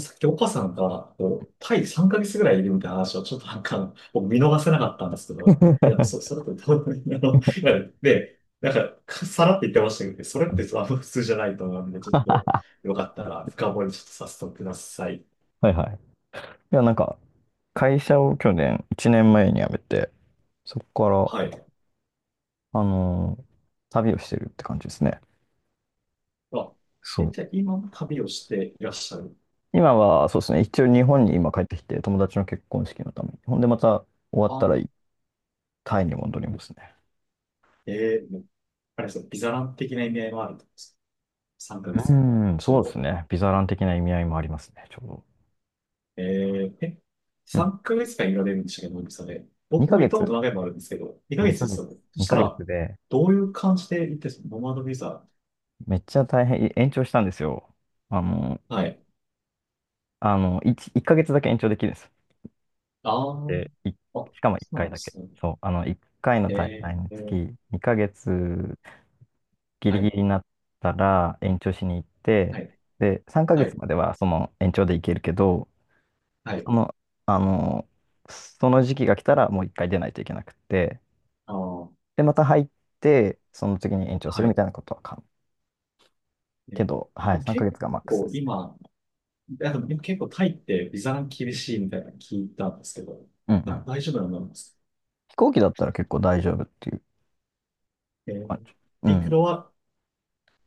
さっき岡さんが、こう、タイ3ヶ月ぐらいいるみたいな話をちょっと僕見逃せなかったんですけど、それってどう、かさらって言ってましたけど、それって 普通じゃないと思うんで、ちょっと、よかったら深掘りちょっとさせてください。はいはい。いや、なんか、会社を去年、1年前に辞めて、そこはかい。ら、旅をしてるって感じですね。あ、そえ、う。じゃあ今も旅をしていらっしゃる。今は、そうですね、一応日本に今帰ってきて、友達の結婚式のために。ほんで、また終わったあ、ら、タイに戻りますね。えー、もうあれですよ、ビザラン的な意味合いもあるんです。3うヶ月だったら、ーん、ちょそううですど。ね。ビザラン的な意味合いもありますね、ちょうど。えー、え、うん。3ヶ月間いられるんでしたっけど、脳みそで。僕2も行ヶったこ月、と何回もあるんですけど、2ヶ月2でヶす月、よねそした2ヶ月ら、で、どういう感じで行ってノマドビザ。めっちゃ大変、延長したんですよ。あの、はい。あの、1ヶ月だけ延長できるんです。あー、で、あ、しかも1そうな回んでだけ。すね。そう、あの、1回の滞在えのー、え月、ー2ヶ月ギリはギい、リになったら延長しに行って、はい、で、3ヶは月い、まではその延長で行けるけど、はい、その、あの、その時期が来たらもう1回出ないといけなくて、あー、で、また入って、その次に延長すはるみい。たいなことは可能。ね、けど、はでい、も3ヶ結月がマックスで構すね。今、あでも結構タイってビザが厳しいみたいなの聞いたんですけど、うんうん。大丈夫なのなんですか飛行機だったら結構大丈夫っていうえー、感じ。うミクん。ロは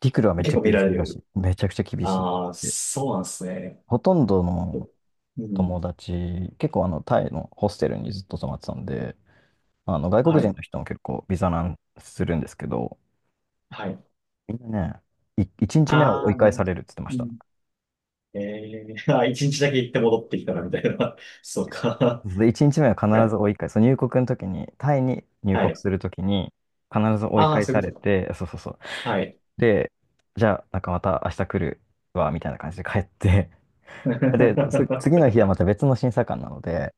陸路はめっち結ゃ構見厳しられいらしい。る。めちゃくちゃ厳しいっああ、て。そうなんですね。ほとんどのう友ん。達、結構あのタイのホステルにずっと泊まってたんで、あの外国は人い。の人も結構ビザ難するんですけど、はい。みんなね、1日目はあ追いあ、な返るさほどれるって言ってましうた。ん。ええー、あ、一日だけ行って戻ってきたらみたいな。そうか。で、1日目は必 ずや追い返す。そう、入国の時に、タイに入は国い。する時に必ず追いああ、返そういさうれことか。て、そうそうそう。はい。で、じゃあなんかまた明日来るわ、みたいな感じで帰って、で、次の日は また別の審査官なので、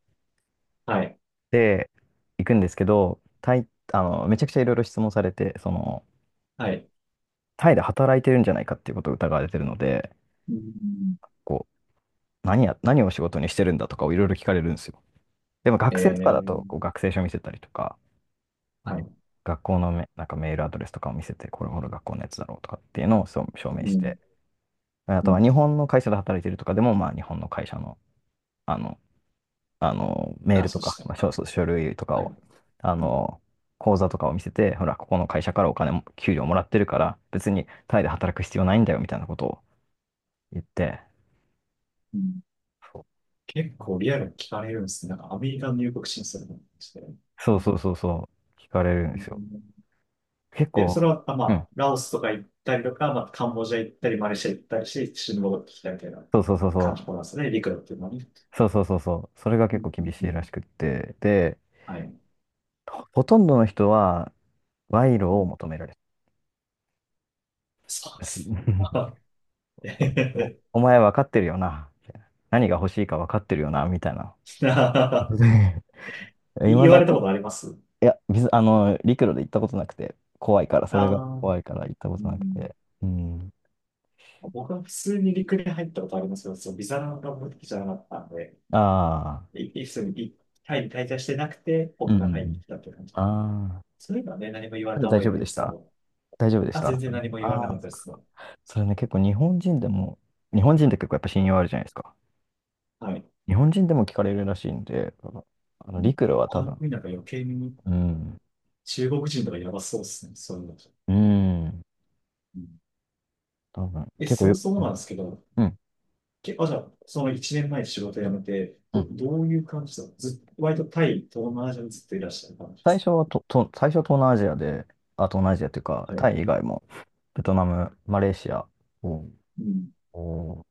はい。で、行くんですけど、タイ、あの、めちゃくちゃいろいろ質問されて、その、はい。タイで働いてるんじゃないかっていうことを疑われてるので、うん。こう、何を仕事にしてるんだとかをいろいろ聞かれるんですよ。でもえ学生とかだえと、こう学生証見せたりとか、うはん、い。学校のなんかメールアドレスとかを見せて、これほら学校のやつだろうとかっていうのをそう証明うしん。て、あうとはん。日本の会社で働いてるとかでも、まあ日本の会社の、あの、あの、メーあ、ルそとうしか、たまのあ、か。書類とかはを、い。あうん。の、口座とかを見せて、ほら、ここの会社からお金も、給料もらってるから、別にタイで働く必要ないんだよみたいなことを言って、うんそう結構リアルに聞かれるんですね。なんかアメリカの入国審査とかして。そうそうそうそう、聞かれるんうですよ。ん結で、そ構、れは、まうん、あ、ラオスとか行ったりとか、まあ、カンボジア行ったり、マレーシア行ったりして、一緒に戻ってきたみたいなそうそうそう感そじなんですね、陸路っていうのはね。う、そうそうそうそう、それがう結構んう厳んしういんらしくって、で、はい。ほとんどの人は賄賂を求められてそうでたし、す。あえへへへお前分かってるよな、みたいな、何が欲しいか分かってるよな、みたいな。いま言わだれたに、ことありますいや、あの、陸路で行ったことなくて、怖いから、あそれがあ怖いから行ったこー、うとなくん、て。うん。僕は普通に陸に入ったことありますよ。そのビザが目的じゃなかったんで、ああ、普通にタイに滞在してなくて、うん僕うんうが入ってん。きたっていう感じ。ああ、そういうのはね、何も言われただた大覚え丈ない夫ででしすけたど、大丈夫でしあ、全た然何も言われなかったです。それね、結構日本人でも、日本人って結構やっぱ信用あるじゃないですか。はい。日本人でも聞かれるらしいんで、あの陸路は多他の分、国なんか余計にうん、中国人とかやばそうですね。そういうの。うん、うん多分、え、結構そもよ、そうもなんでん、すけど、うん。あ、じゃあ、その1年前に仕事辞めて、うん、どういう感じだったのずっと、割とタイ、東南アジアにずっといらっしゃる感じです最初は東南アジアで、あ、東南アジアっていうか、か。はい。タイ以外も、ベトナム、マレーシア、おうん。おー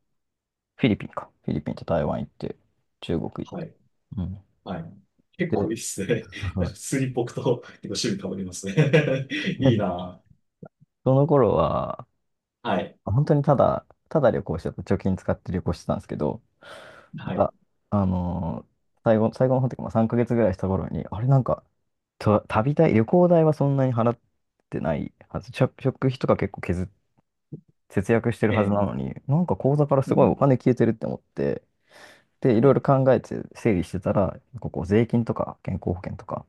フィリピンか。フィリピンと台湾行って、中国行っはて。い。うん。はい。結で、構いいっすね。なんか普通に僕と結構趣味変わりますね。いい なその頃は、ぁ。はい。本当にただ旅行してた、貯金使って旅行してたんですけど、なんはい。か、あのー最後の方というか、まあ、3ヶ月ぐらいした頃に、あれなんか、と旅代、旅行代はそんなに払ってないはず、食費とか結構削っ、節約してるえはずなえのに、なんか口座からすうごいおん。金消えてるって思って、で、いはろいい。ろ考えて整理してたら、税金とか健康保険とか、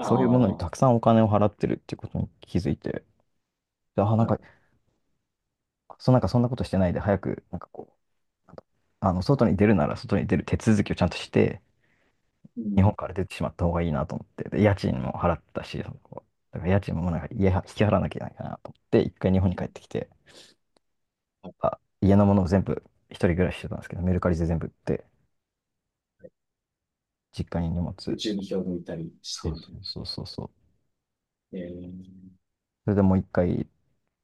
そういうものにたくあ、さんお金を払ってるっていうことに気づいて、で、あ、なんはか、い。なんかそんなことしてないで、早く、なんかあの、外に出るなら外に出る手続きをちゃんとして、う日ん。本から出てしまった方がいいなと思って、で、家賃も払ったし、だから家賃もなんか家は引き払わなきゃいけないかなと思って、一回日本に帰はっい。てきて、はい。あ、家のものを全部、一人暮らししてたんですけど、メルカリで全部売って、実家に荷で物、中に票を抜いたりしそてうみたそいな。う。そうそうそう。ええそれでもう一回、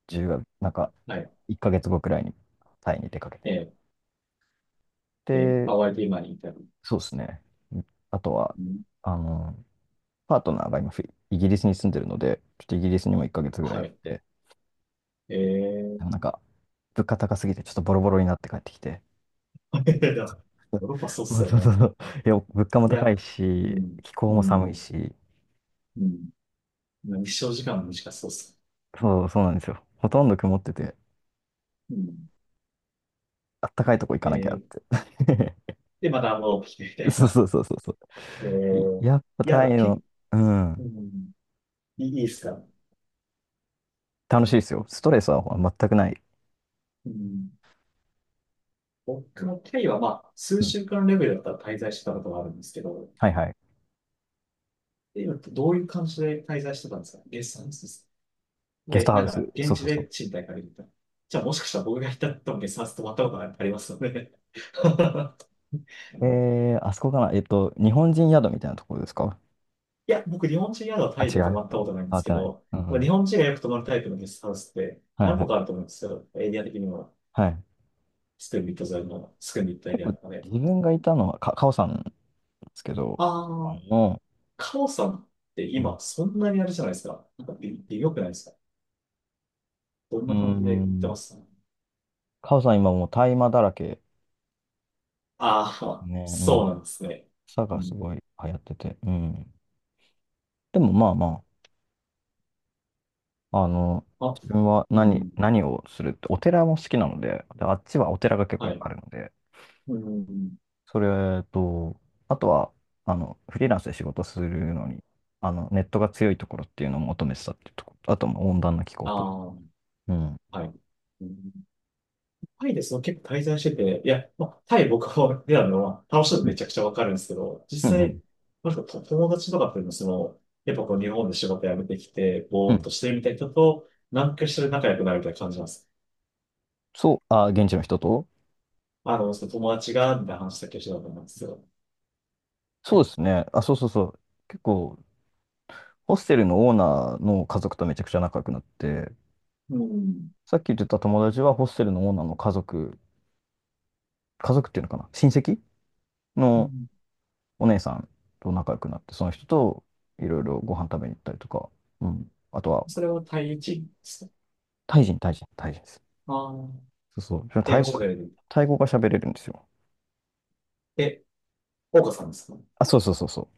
10月、なんか、はい。一ヶ月後くらいにタイに出かけて。ええで、で、ハワイで今にいたりまそうですす。ね。あとは、うんあの、パートナーが今イギリスに住んでるので、ちょっとイギリスにも1ヶ月ぐらいは行っい。て、えでもー、なんか、物価高すぎて、ちょっとボロボロになって帰ってきて、いやヨ ーロッパそうっそすうよそうそうね。そう、いや、物価もい高いや、うし、ん、気候うも寒いん、し、うん。まあ日照時間も短そうっす。そう、そうなんですよ。ほとんど曇ってて、うん。あったかいとこ行えかなきゃっー、て。で、また戻ってきてみた いそうそな。うそうそうそ えう。いー、や、っぱいタや、イ結の、構、ううん、んいいいいっすか。楽しいですよ。ストレスは全くない。うん、僕の経緯は、まあ、数うん。週間レベルだったら滞在してたことがあるんですけど、はいはい。え今どういう感じで滞在してたんですか月んですゲスで、トハなウんス。か、現そうそ地うでそ賃貸借りるみたいな。じゃあ、もしかしたら僕が行った時にさっと泊まったことがありますので。う。あそこかな。日本人宿みたいなところですか？いや、僕、日本人宿はあ、タイ違う。で泊変まったことないんでわすっけてない。ど、うん。日本人がよく泊まるタイプのゲストハウスってはい何は個かあい。ると思うんですけど、エリア的にも、はい。スクンビット沿いのスクンビットエ結リア構とかで。自分がいたのは、カオさんですけど、あああ、の、カオさんってうん、今、そんなにあれじゃないですか。なんか微妙くないですか。どんうーな感じで行ってん、ますカオさん今もう大麻だらけああー、ね、うそうなんん。ですね。草うがすん。ごい流行ってて、うん。でもまあまあ、あの、あ、自分はうん。何をするって、お寺も好きなので、で、あっちはお寺が結構いはっい。ぱいあるので、うん。それと、あとは、あの、フリーランスで仕事するのに、あの、ネットが強いところっていうのを求めてたっていうところ、あと、まあ温暖な気候あと。あ、うんはい。うんタイでその結構滞在してて、いや、まあ、タイ僕は出たのは楽しいのうめん、ちゃくちゃわかるんですけど、う実ん、う際、ん。なんかと友達とかっていうのはその、やっぱこう日本で仕事辞めてきて、うぼーっん、としてるみたいな人と、何かしら仲良くなるみたいな感じなんです。そう、あ、現地の人と。あの、その友達が、みたいな話だけしてたと思うんですよ。そうですね。あ、そうそうそう。結構、ホステルのオーナーの家族とめちゃくちゃ仲良くなって、うん。さっき言ってた友達はホステルのオーナーの家族、家族っていうのかな、親戚うのんお姉さんと仲良くなって、その人といろいろご飯食べに行ったりとか、うん。あとは、それはタイ人ですかタイ人、タイ人、タイ人です。ああー、そうそう。英タイ語語喋が、れる。タイ語が喋れるんですよ。え、岡さんですかあ、そうそうそうそ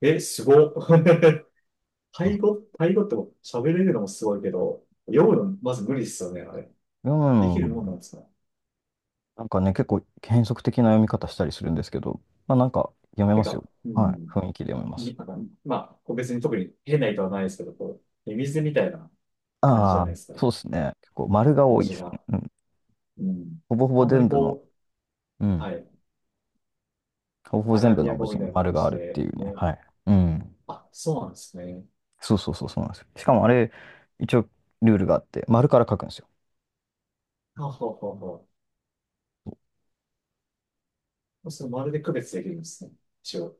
え、すごっ。う。タイ語って喋れるのもすごいけど、読むのまず無理ですよね、あれ。うできるもんなんん、ですかなんかね、結構変則的な読み方したりするんですけど、まあなんか読めてますよ。か、うはい。ん。雰囲気で読めます。になんかまあ、別に特に変な意図はないですけど、こう、ミミズみたいな感じじゃあなあ、いですか、そうですね。結構丸が多文いで字すね。が。うん。うん。ほぼほぼあんまり全部の、こうう、ん。はい、ほぼほぼア全ラ部ビのア文語字みたいにな丸感があじるってで、いうね。ね。はい。うん。あ、そうなんですね。そうそうそう、そうなんですよ。しかもあれ、一応ルールがあって、丸から書くんですよ。はははは。それまるで区別できるんですね。一応、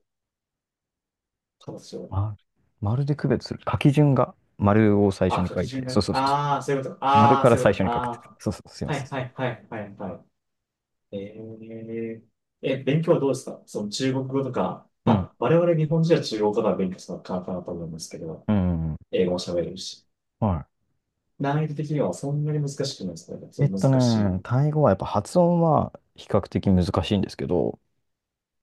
形を。丸、丸で区別する。書き順が丸を最初あ、に書書きいて、順がそうね。そうそああ、そういうこと。う。丸ああ、からそういう最こ初と。に書くって。あそうそう、すいまあ。はせいはん。いはいはいはい。えー、え、勉強はどうですかその中国語とか、うまん。あ、我々日本人は中国語とか勉強するのは簡単だと思いますけど、うん。英語も喋れるし、はい。難易度的にはそんなに難しくないですかね。ちょっと難しい。タイ語はやっぱ発音は比較的難しいんですけど、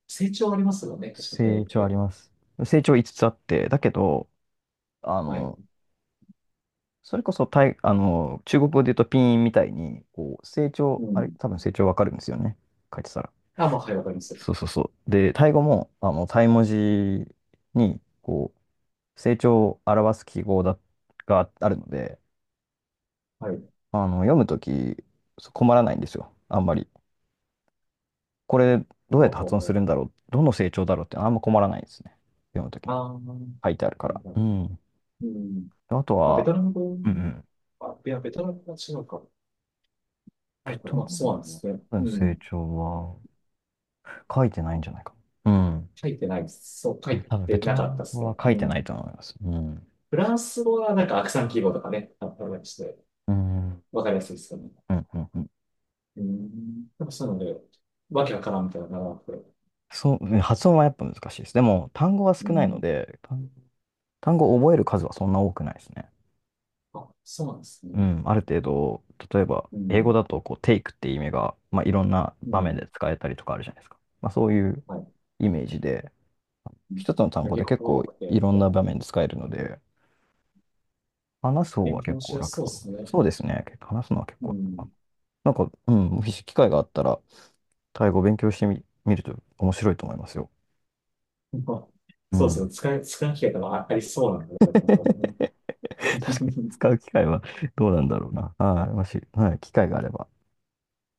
成長ありますよね、確か対応成っ長ありて。ます。成長5つつあって、だけど、あはい。の、それこそタイ、あの、中国語で言うとピンみたいに、こう、成長、うあれ、ん。多分成長わかるんですよね。書いてたら。あ、まあ、はい、わかります。そうそうそう。で、タイ語も、あの、タイ文字に、こう、成長を表す記号があるので、はい。あの、読むとき、そう困らないんですよ。あんまり。これどうやほっうてほう発音ほするう。んだろう、どの成長だろうってあんま困らないですね。読むときにあー、書いてあるから。うん。うん。あとまあ、ベは、トナム語、うんうん。あ、いや、ベトナム語は違うか。はベい、トまナあ、そうなんでムすね。うの成ん。長は書いてないんじゃないか。うん。書いてないです。そう、書い多分ベてトなナかったムっす語ね。は書いうてなん。いと思います。うん。フランス語はなんかアクサン記号とかね、あったりして、うん。うん。わかりやすいですよね。うん。うん、うん。でもそういうので、わけわからんみたいなのがなくて。そう、発音はやっぱ難しいです。でも単語はう少ないのん。で、単語を覚える数はそんな多くないですね。あ、そうなんですね。うん、ある程度、例えば、う英語ん。だと、こう、テイクっていう意味が、まあ、いろんなう場面ん。で使えたりとかあるじゃないですか。まあ、そういうはい。イメージで、うん一つの単語結で結構構多くて、いみろたんいなな。場面で使えるので、話す方は勉強結もし構やす楽そうかでな。すね。そうですね。結構話すのは結う構楽かん。な。なんか、うん、もし機会があったら、タイ語を勉強してみ、見ると面白いと思いますよ。まあうそうですん。ね。使い機会とかありそうなんで、確本当にかに、ね。使う機会はどうなんだろうな。はい。もし、はい、機会があれば。